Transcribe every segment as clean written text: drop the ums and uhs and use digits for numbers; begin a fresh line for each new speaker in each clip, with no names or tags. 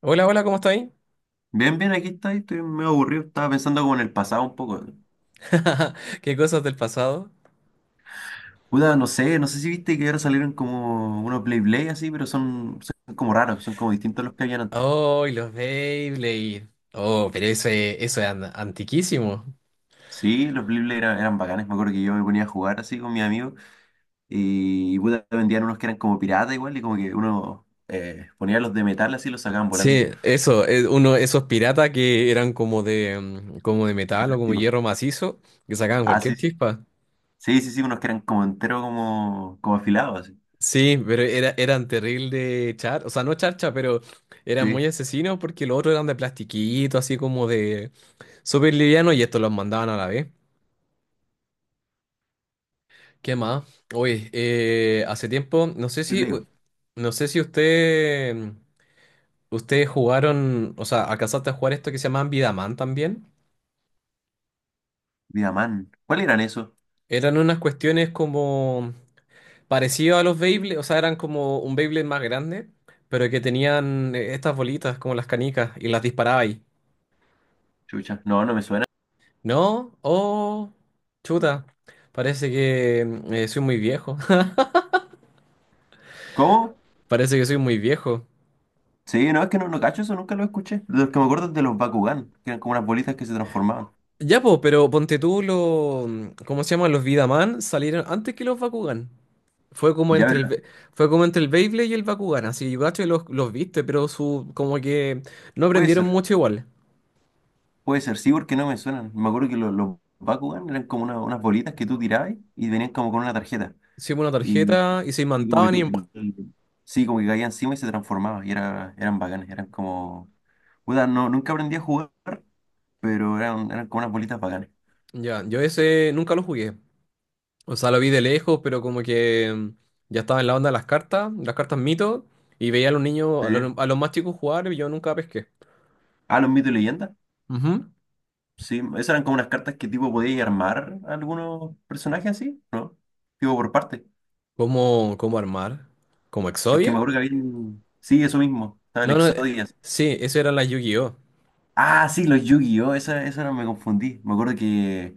Hola, hola, ¿cómo estáis?
Bien, bien, aquí estoy, medio aburrido, estaba pensando como en el pasado un poco.
Qué cosas del pasado.
Puta, no sé si viste que ahora salieron como unos Blade Blade así, pero son como raros, son como distintos a los que habían antes.
Oh, y los Beyblade. Oh, pero eso es antiquísimo.
Sí, los Blade Blade eran bacanes, me acuerdo que yo me ponía a jugar así con mis amigos y puta, vendían unos que eran como piratas igual y como que uno ponía los de metal así y los sacaban volando.
Sí, eso, es uno, de esos piratas que eran como de, como de metal o
De
como hierro macizo, que sacaban
ah, sí,
cualquier chispa.
sí, sí, unos que eran como entero como afilados así.
Sí, pero eran terrible o sea, no charcha, pero eran muy
Sí,
asesinos porque los otros eran de plastiquito, así como de súper liviano, y estos los mandaban a la vez. ¿Qué más? Oye, hace tiempo,
Blade Blade,
no sé si ustedes jugaron, o sea, alcanzaste a jugar esto que se llamaban Vidaman también.
Vida man. ¿Cuáles eran esos?
Eran unas cuestiones como parecido a los Beyblade, o sea, eran como un Beyblade más grande, pero que tenían estas bolitas como las canicas y las disparaba ahí.
Chucha, no me suena.
¿No? Oh, chuta, parece que soy muy viejo.
¿Cómo?
Parece que soy muy viejo.
Sí, no, es que no cacho eso, nunca lo escuché. Los que me acuerdo es de los Bakugan, que eran como unas bolitas que se transformaban.
Ya, po, pero ponte tú los. ¿Cómo se llaman? Los Vidaman salieron antes que los Bakugan. Fue como
Ya,
entre el,
pero
Be- fue como entre el Beyblade y el Bakugan. Así yo cacho que los viste, pero como que no
puede
aprendieron
ser,
mucho igual.
puede ser, sí, porque no me suenan. Me acuerdo que los Bakugan eran como una- unas bolitas que tú tirabas y venían como con una tarjeta.
Hicimos una
Y,
tarjeta y se
y como que
imantaban y. ¡Pua!
sí, como que caía encima y se transformaba. Y eran bacanes, eran como… Puta, no, nunca aprendí a jugar, pero eran como unas bolitas bacanes.
Ya, yo ese nunca lo jugué. O sea, lo vi de lejos, pero como que ya estaba en la onda de las cartas mito, y veía a los niños, a los,
Sí.
a los más chicos jugar y yo nunca pesqué.
Ah, los mitos y leyendas.
Ujú.
Sí, esas eran como unas cartas que tipo podías armar a algunos personajes así, ¿no? Tipo por parte.
¿Cómo armar? ¿Como
Es que me
Exodia?
acuerdo que había… Sí, eso mismo. Estaba el
No, no,
Exodias.
sí, eso era la Yu-Gi-Oh!
Ah, sí, los Yu-Gi-Oh! Esa no me confundí. Me acuerdo que,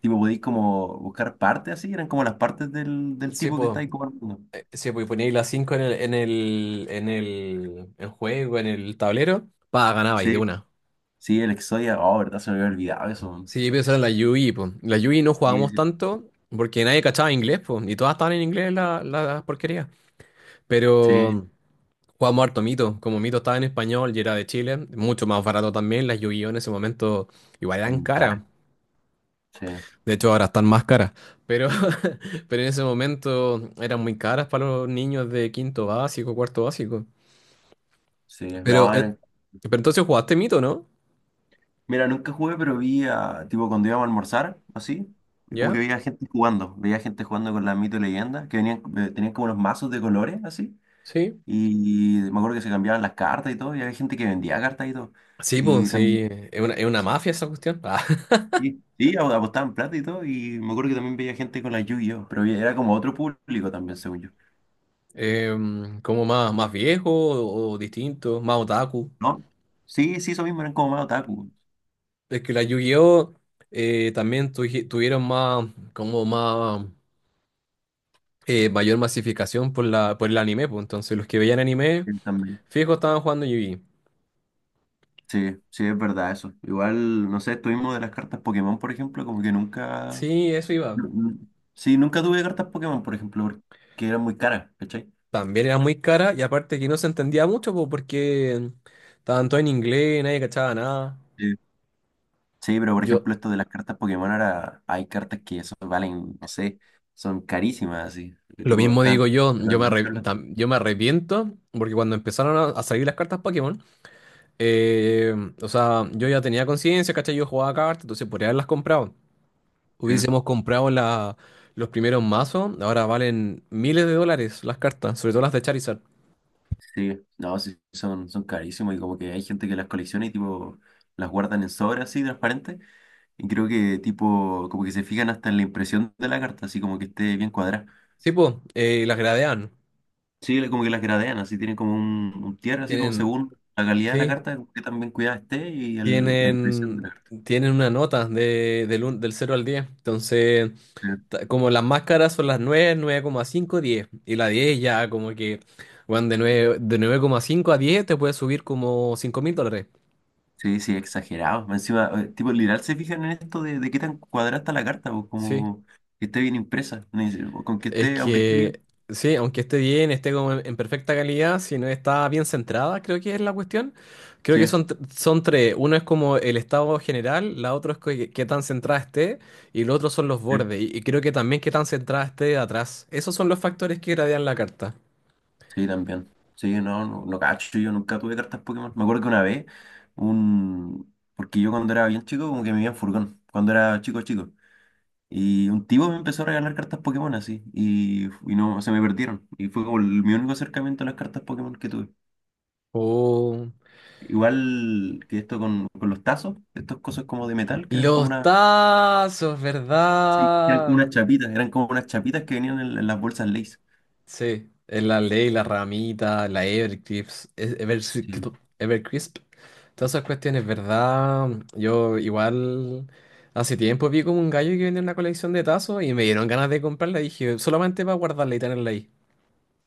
tipo, podéis como buscar partes así. Eran como las partes del
Sí,
tipo que
pues,
está ahí como armando.
sí, pues, poníais las 5 en el tablero, pa, ganabais de
Sí,
una.
sí, el exodia. Oh, verdad, se me había olvidado eso, man.
Sí, pero eso era la Yu-Gi, po. La Yu-Gi no
Sí,
jugábamos
sí,
tanto porque nadie cachaba inglés, pues, y todas estaban en inglés la porquería.
sí.
Pero jugábamos harto Mito, como Mito estaba en español y era de Chile, mucho más barato también. Las Yu-Gi-Oh en ese momento igual eran
Son
caras.
caras. Sí,
De hecho, ahora están más caras, pero, pero en ese momento eran muy caras para los niños de quinto básico, cuarto básico.
sí.
Pero,
No,
eh,
eran…
pero entonces jugaste mito, ¿no?
Mira, nunca jugué, pero vi a, tipo, cuando íbamos a almorzar, así. Como que
¿Ya?
veía gente jugando. Veía gente jugando con la mito y leyenda. Que venían, tenían como los mazos de colores, así.
Sí.
Y me acuerdo que se cambiaban las cartas y todo, y había gente que vendía cartas y todo.
Sí,
Y
pues,
también,
sí, es una
sí,
mafia esa cuestión. Ah,
sí, ap- apostaban plata y todo, y me acuerdo que también veía gente con la Yu-Gi-Oh, pero era como otro público también, según yo.
como más viejo o distinto, más otaku.
¿No? Sí, sí, eso mismo, eran como más otaku.
Es que la Yu-Gi-Oh también tuvieron más, como más, mayor masificación por por el anime, pues entonces los que veían anime,
Sí, también.
fijo, estaban jugando Yu-Gi.
Sí, sí, es verdad eso. Igual, no sé, estuvimos de las cartas Pokémon, por ejemplo, como que nunca…
Sí, eso iba.
nu- nu- Sí, nunca tuve cartas Pokémon, por ejemplo, porque eran muy caras, ¿cachai?
También era muy cara y aparte que no se entendía mucho, po, porque estaban todos en inglés, nadie cachaba nada.
Sí, pero por
Yo,
ejemplo, esto de las cartas Pokémon, ahora hay cartas que eso valen, no sé, son carísimas, así. Que
lo
tipo
mismo
están…
digo yo, yo
ganan
me,
mucha
arre-
plata.
tam- yo me arrepiento porque cuando empezaron a salir las cartas Pokémon, eh, o sea, yo ya tenía conciencia, ¿cachai? Yo jugaba cartas, entonces podría haberlas comprado.
Sí,
Hubiésemos comprado los primeros mazos. Ahora valen miles de dólares las cartas, sobre todo las de Charizard.
sí. No, sí, son carísimas y como que hay gente que las colecciona y tipo las guardan en sobras así, transparentes. Y creo que tipo, como que se fijan hasta en la impresión de la carta, así como que esté bien cuadrada.
Sí, pues, las gradean.
Sí, le- como que las gradean, así tienen como un tierra, así como
Tienen,
según la calidad de la
sí.
carta, como que también cuidada esté y el- la impresión de
tienen,
la carta.
tienen una nota del 0 al 10. Entonces,
Sí.
como las máscaras son las 9, 9,5, 10 Y la 10 ya como que, bueno, de 9,5 a 10 te puedes subir como $5000.
Sí, sí, exagerado. Más encima, tipo, literal se fijan en esto de qué tan cuadrada está la carta, pues
Sí.
como que esté bien impresa, ni- con que
Es
esté, aunque esté bien.
que, sí, aunque esté bien, esté como en perfecta calidad, si no está bien centrada, creo que es la cuestión. Creo que
Sí,
son tres. Uno es como el estado general, la otra es qué tan centrada esté, y el otro son los
sí,
bordes. Y creo que también qué tan centrada esté de atrás. Esos son los factores que gradean la carta.
sí, también. Sí, no cacho, yo nunca tuve cartas Pokémon. Me acuerdo que una vez, un… porque yo cuando era bien chico, como que me iba en furgón, cuando era chico, chico. Y un tipo me empezó a regalar cartas Pokémon así, y no, se me perdieron. Y fue como el- mi único acercamiento a las cartas Pokémon que tuve.
Oh,
Igual que esto con los tazos, estos cosas como de metal, que eran como
los
una…
tazos,
Sí, eran como
¿verdad?
unas chapitas, eran como unas chapitas que venían en las bolsas Lay's.
Sí, es la Ley, la Ramita, la Evercrisp, es- Evercrisp,
Sí.
Evercrisp. Todas esas cuestiones, ¿verdad? Yo igual hace tiempo vi como un gallo que vendía una colección de tazos y me dieron ganas de comprarla. Dije, solamente para guardarla y tenerla ahí.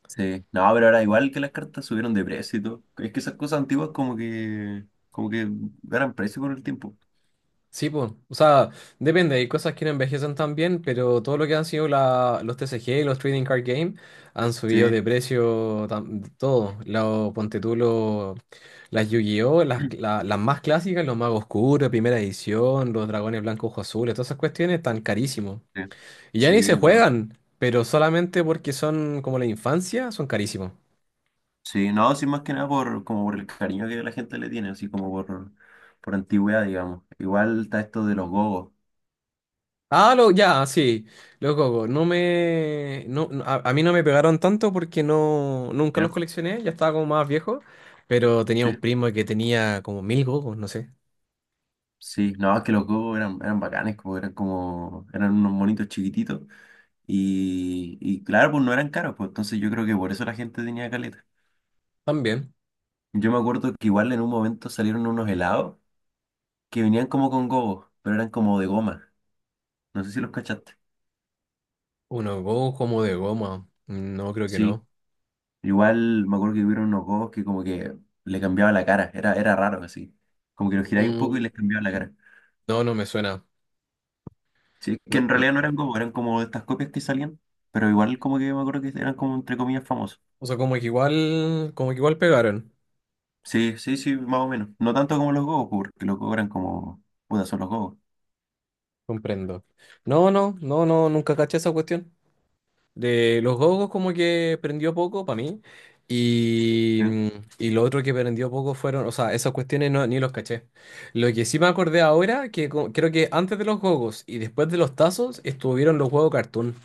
Sí. No, pero ahora igual que las cartas subieron de precio y todo. Es que esas cosas antiguas como que ganan precio con el tiempo.
Sí, pues, o sea, depende, hay cosas que no envejecen tan bien, pero todo lo que han sido los TCG y los Trading Card Game han subido
Sí.
de precio todo. Ponte tú las Yu-Gi-Oh, las, la- las más clásicas, los Magos Oscuros, primera edición, los Dragones Blancos Ojos Azules, todas esas cuestiones están carísimos.
Sí,
Y ya ni se
sí, no.
juegan, pero solamente porque son como la infancia, son carísimos.
Sí, no, sí, más que nada por, como por el cariño que la gente le tiene, así como por antigüedad, digamos. Igual está esto de los gogos.
Ah, ya, sí, los gogos. No, no, a mí no me pegaron tanto porque nunca
¿Ya?
los coleccioné, ya estaba como más viejo, pero tenía
Sí.
un primo que tenía como mil gogos, no sé.
Sí, no, es que los gogos eran bacanes, como eran unos monitos chiquititos. Y claro, pues no eran caros, pues entonces yo creo que por eso la gente tenía caleta.
También,
Yo me acuerdo que igual en un momento salieron unos helados que venían como con gogos, pero eran como de goma. No sé si los cachaste.
unos gogos como de goma. No, creo que
Sí.
no.
Igual me acuerdo que hubieron unos gogos que como que le cambiaba la cara, era raro así. Como que los giráis un poco y
Mm,
les cambiaba la cara.
no, no me suena.
Sí, que
No,
en
no.
realidad no eran gogos, eran como estas copias que salían, pero igual como que me acuerdo que eran como entre comillas famosos.
O sea, como que igual pegaron.
Sí, sí, sí, más o menos. No tanto como los gogos, porque los gogos eran como, puta, son los gogos.
Comprendo. No, no, no, no, nunca caché esa cuestión. De los gogos como que prendió poco para mí. Y, mm, y lo otro que prendió poco fueron, o sea, esas cuestiones no, ni los caché. Lo que sí me acordé ahora, creo que antes de los gogos y después de los tazos estuvieron los huevos cartoon.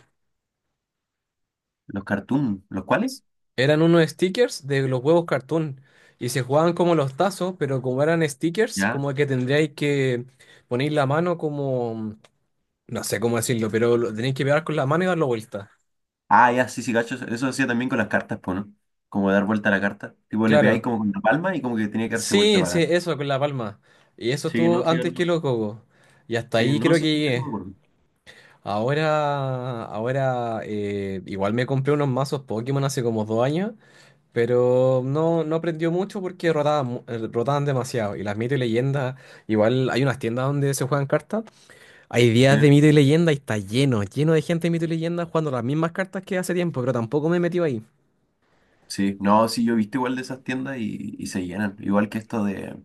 Los cartoons, ¿los cuales?
Eran unos stickers de los huevos cartoon. Y se jugaban como los tazos, pero como eran stickers,
Ya.
como que tendríais que poner la mano como, no sé cómo decirlo, pero lo tenéis que pegar con la mano y darlo vuelta.
Ah, ya, sí, sí, gachos. Eso hacía también con las cartas, pues, ¿no? Como dar vuelta a la carta. Tipo, le pegáis
Claro.
como con la palma y como que tenía que darse vuelta
Sí,
para
sí,
adelante.
eso con la palma. Y eso
Sí, no,
estuvo
sí,
antes
claro.
que los cocos. Y hasta
Sí,
ahí
no,
creo que
sí, sí, eso me
llegué.
acuerdo.
Ahora igual me compré unos mazos Pokémon hace como 2 años, pero no aprendió mucho porque rotaban demasiado. Y las mito y leyendas, igual hay unas tiendas donde se juegan cartas. Hay
Sí,
días de mito y leyenda y está lleno, lleno de gente de mito y leyenda jugando las mismas cartas que hace tiempo, pero tampoco me he metido ahí.
sí, no, sí, yo he visto igual de esas tiendas y se llenan. Igual que esto de,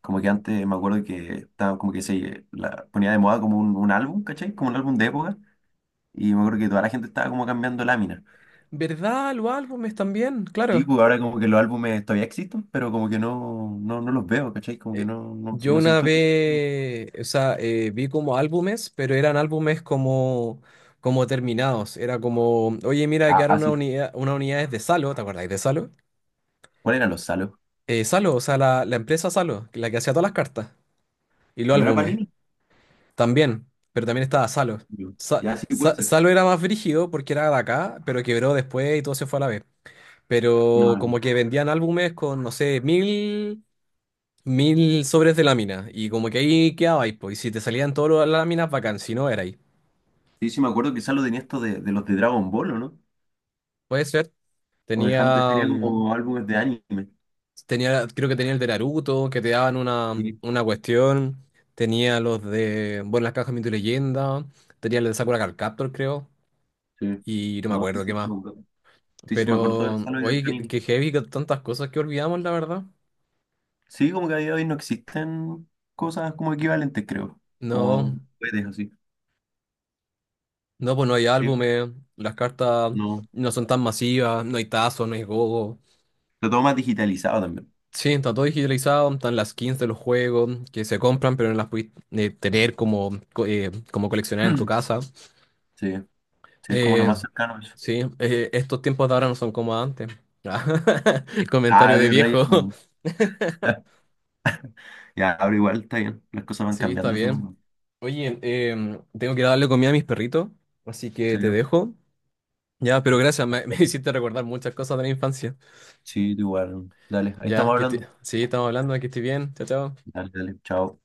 como que antes me acuerdo que estaba como que se la, ponía de moda como un álbum, ¿cachai? Como un álbum de época. Y me acuerdo que toda la gente estaba como cambiando láminas.
¿Verdad? Los álbumes también,
Sí,
claro.
pues ahora como que los álbumes todavía existen, pero como que no los veo, ¿cachai? Como que
Eh, Yo
no
una
siento que…
vez, o sea, vi como álbumes, pero eran álbumes como terminados. Era como, oye, mira, quedaron
Ah,
una
sí.
unidad, una unidad es de Salo. ¿Te acordáis de Salo?
¿Cuál era los Salos?
Salo, o sea, la empresa Salo, la que hacía todas las cartas y los
¿No era
álbumes,
Panini?
también, pero también estaba Salo.
Sí. Ya, sí puede ser.
Salo era más brígido porque era de acá, pero quebró después y todo se fue a la vez.
No,
Pero como
no,
que vendían álbumes con, no sé, mil sobres de lámina. Y como que ahí quedabais, pues. Y si te salían todas las láminas, bacán. Si no, era ahí.
sí, sí, me acuerdo que Salo tenía esto de los de Dragon Ball, ¿o no?
Puede ser.
O de Hunter,
Tenía,
tenía
mm,
como álbumes de anime.
creo que tenía el de Naruto, que te daban una,
Sí,
una cuestión. Tenía bueno, las cajas de tu leyenda. Tenía el de Sakura Card Captor, creo.
sí.
Y no me
No, sí,
acuerdo qué
sí, sí,
más.
me acuerdo. Sí, sí, me acuerdo del
Pero,
Salo y del
oye, qué,
Panini.
qué heavy, que tantas cosas que olvidamos, la verdad.
Sí, como que a día de hoy no existen cosas como equivalentes, creo.
No,
Como juguetes así.
no, pues no hay
Sí,
álbumes. Las cartas
no.
no son tan masivas. No hay tazos, no hay gogo.
Pero todo más digitalizado también.
Sí, está todo digitalizado, están las skins de los juegos que se compran, pero no las puedes tener como coleccionar en tu casa.
Sí, sí, es como lo
Eh,
más cercano a eso.
sí, estos tiempos de ahora no son como antes. Comentario
Ah,
de
de Reyes.
viejo.
No. Ya, ahora igual está bien. Las cosas van
Sí, está
cambiando,
bien.
supongo.
Oye, tengo que ir a darle comida a mis perritos, así que
Sí.
te dejo. Ya, pero gracias, me, me hiciste recordar muchas cosas de la infancia.
Sí, tú igual. Dale, ahí
Ya,
estamos hablando.
sí, estamos hablando, que estoy bien. Chao, chao.
Dale, dale, chao.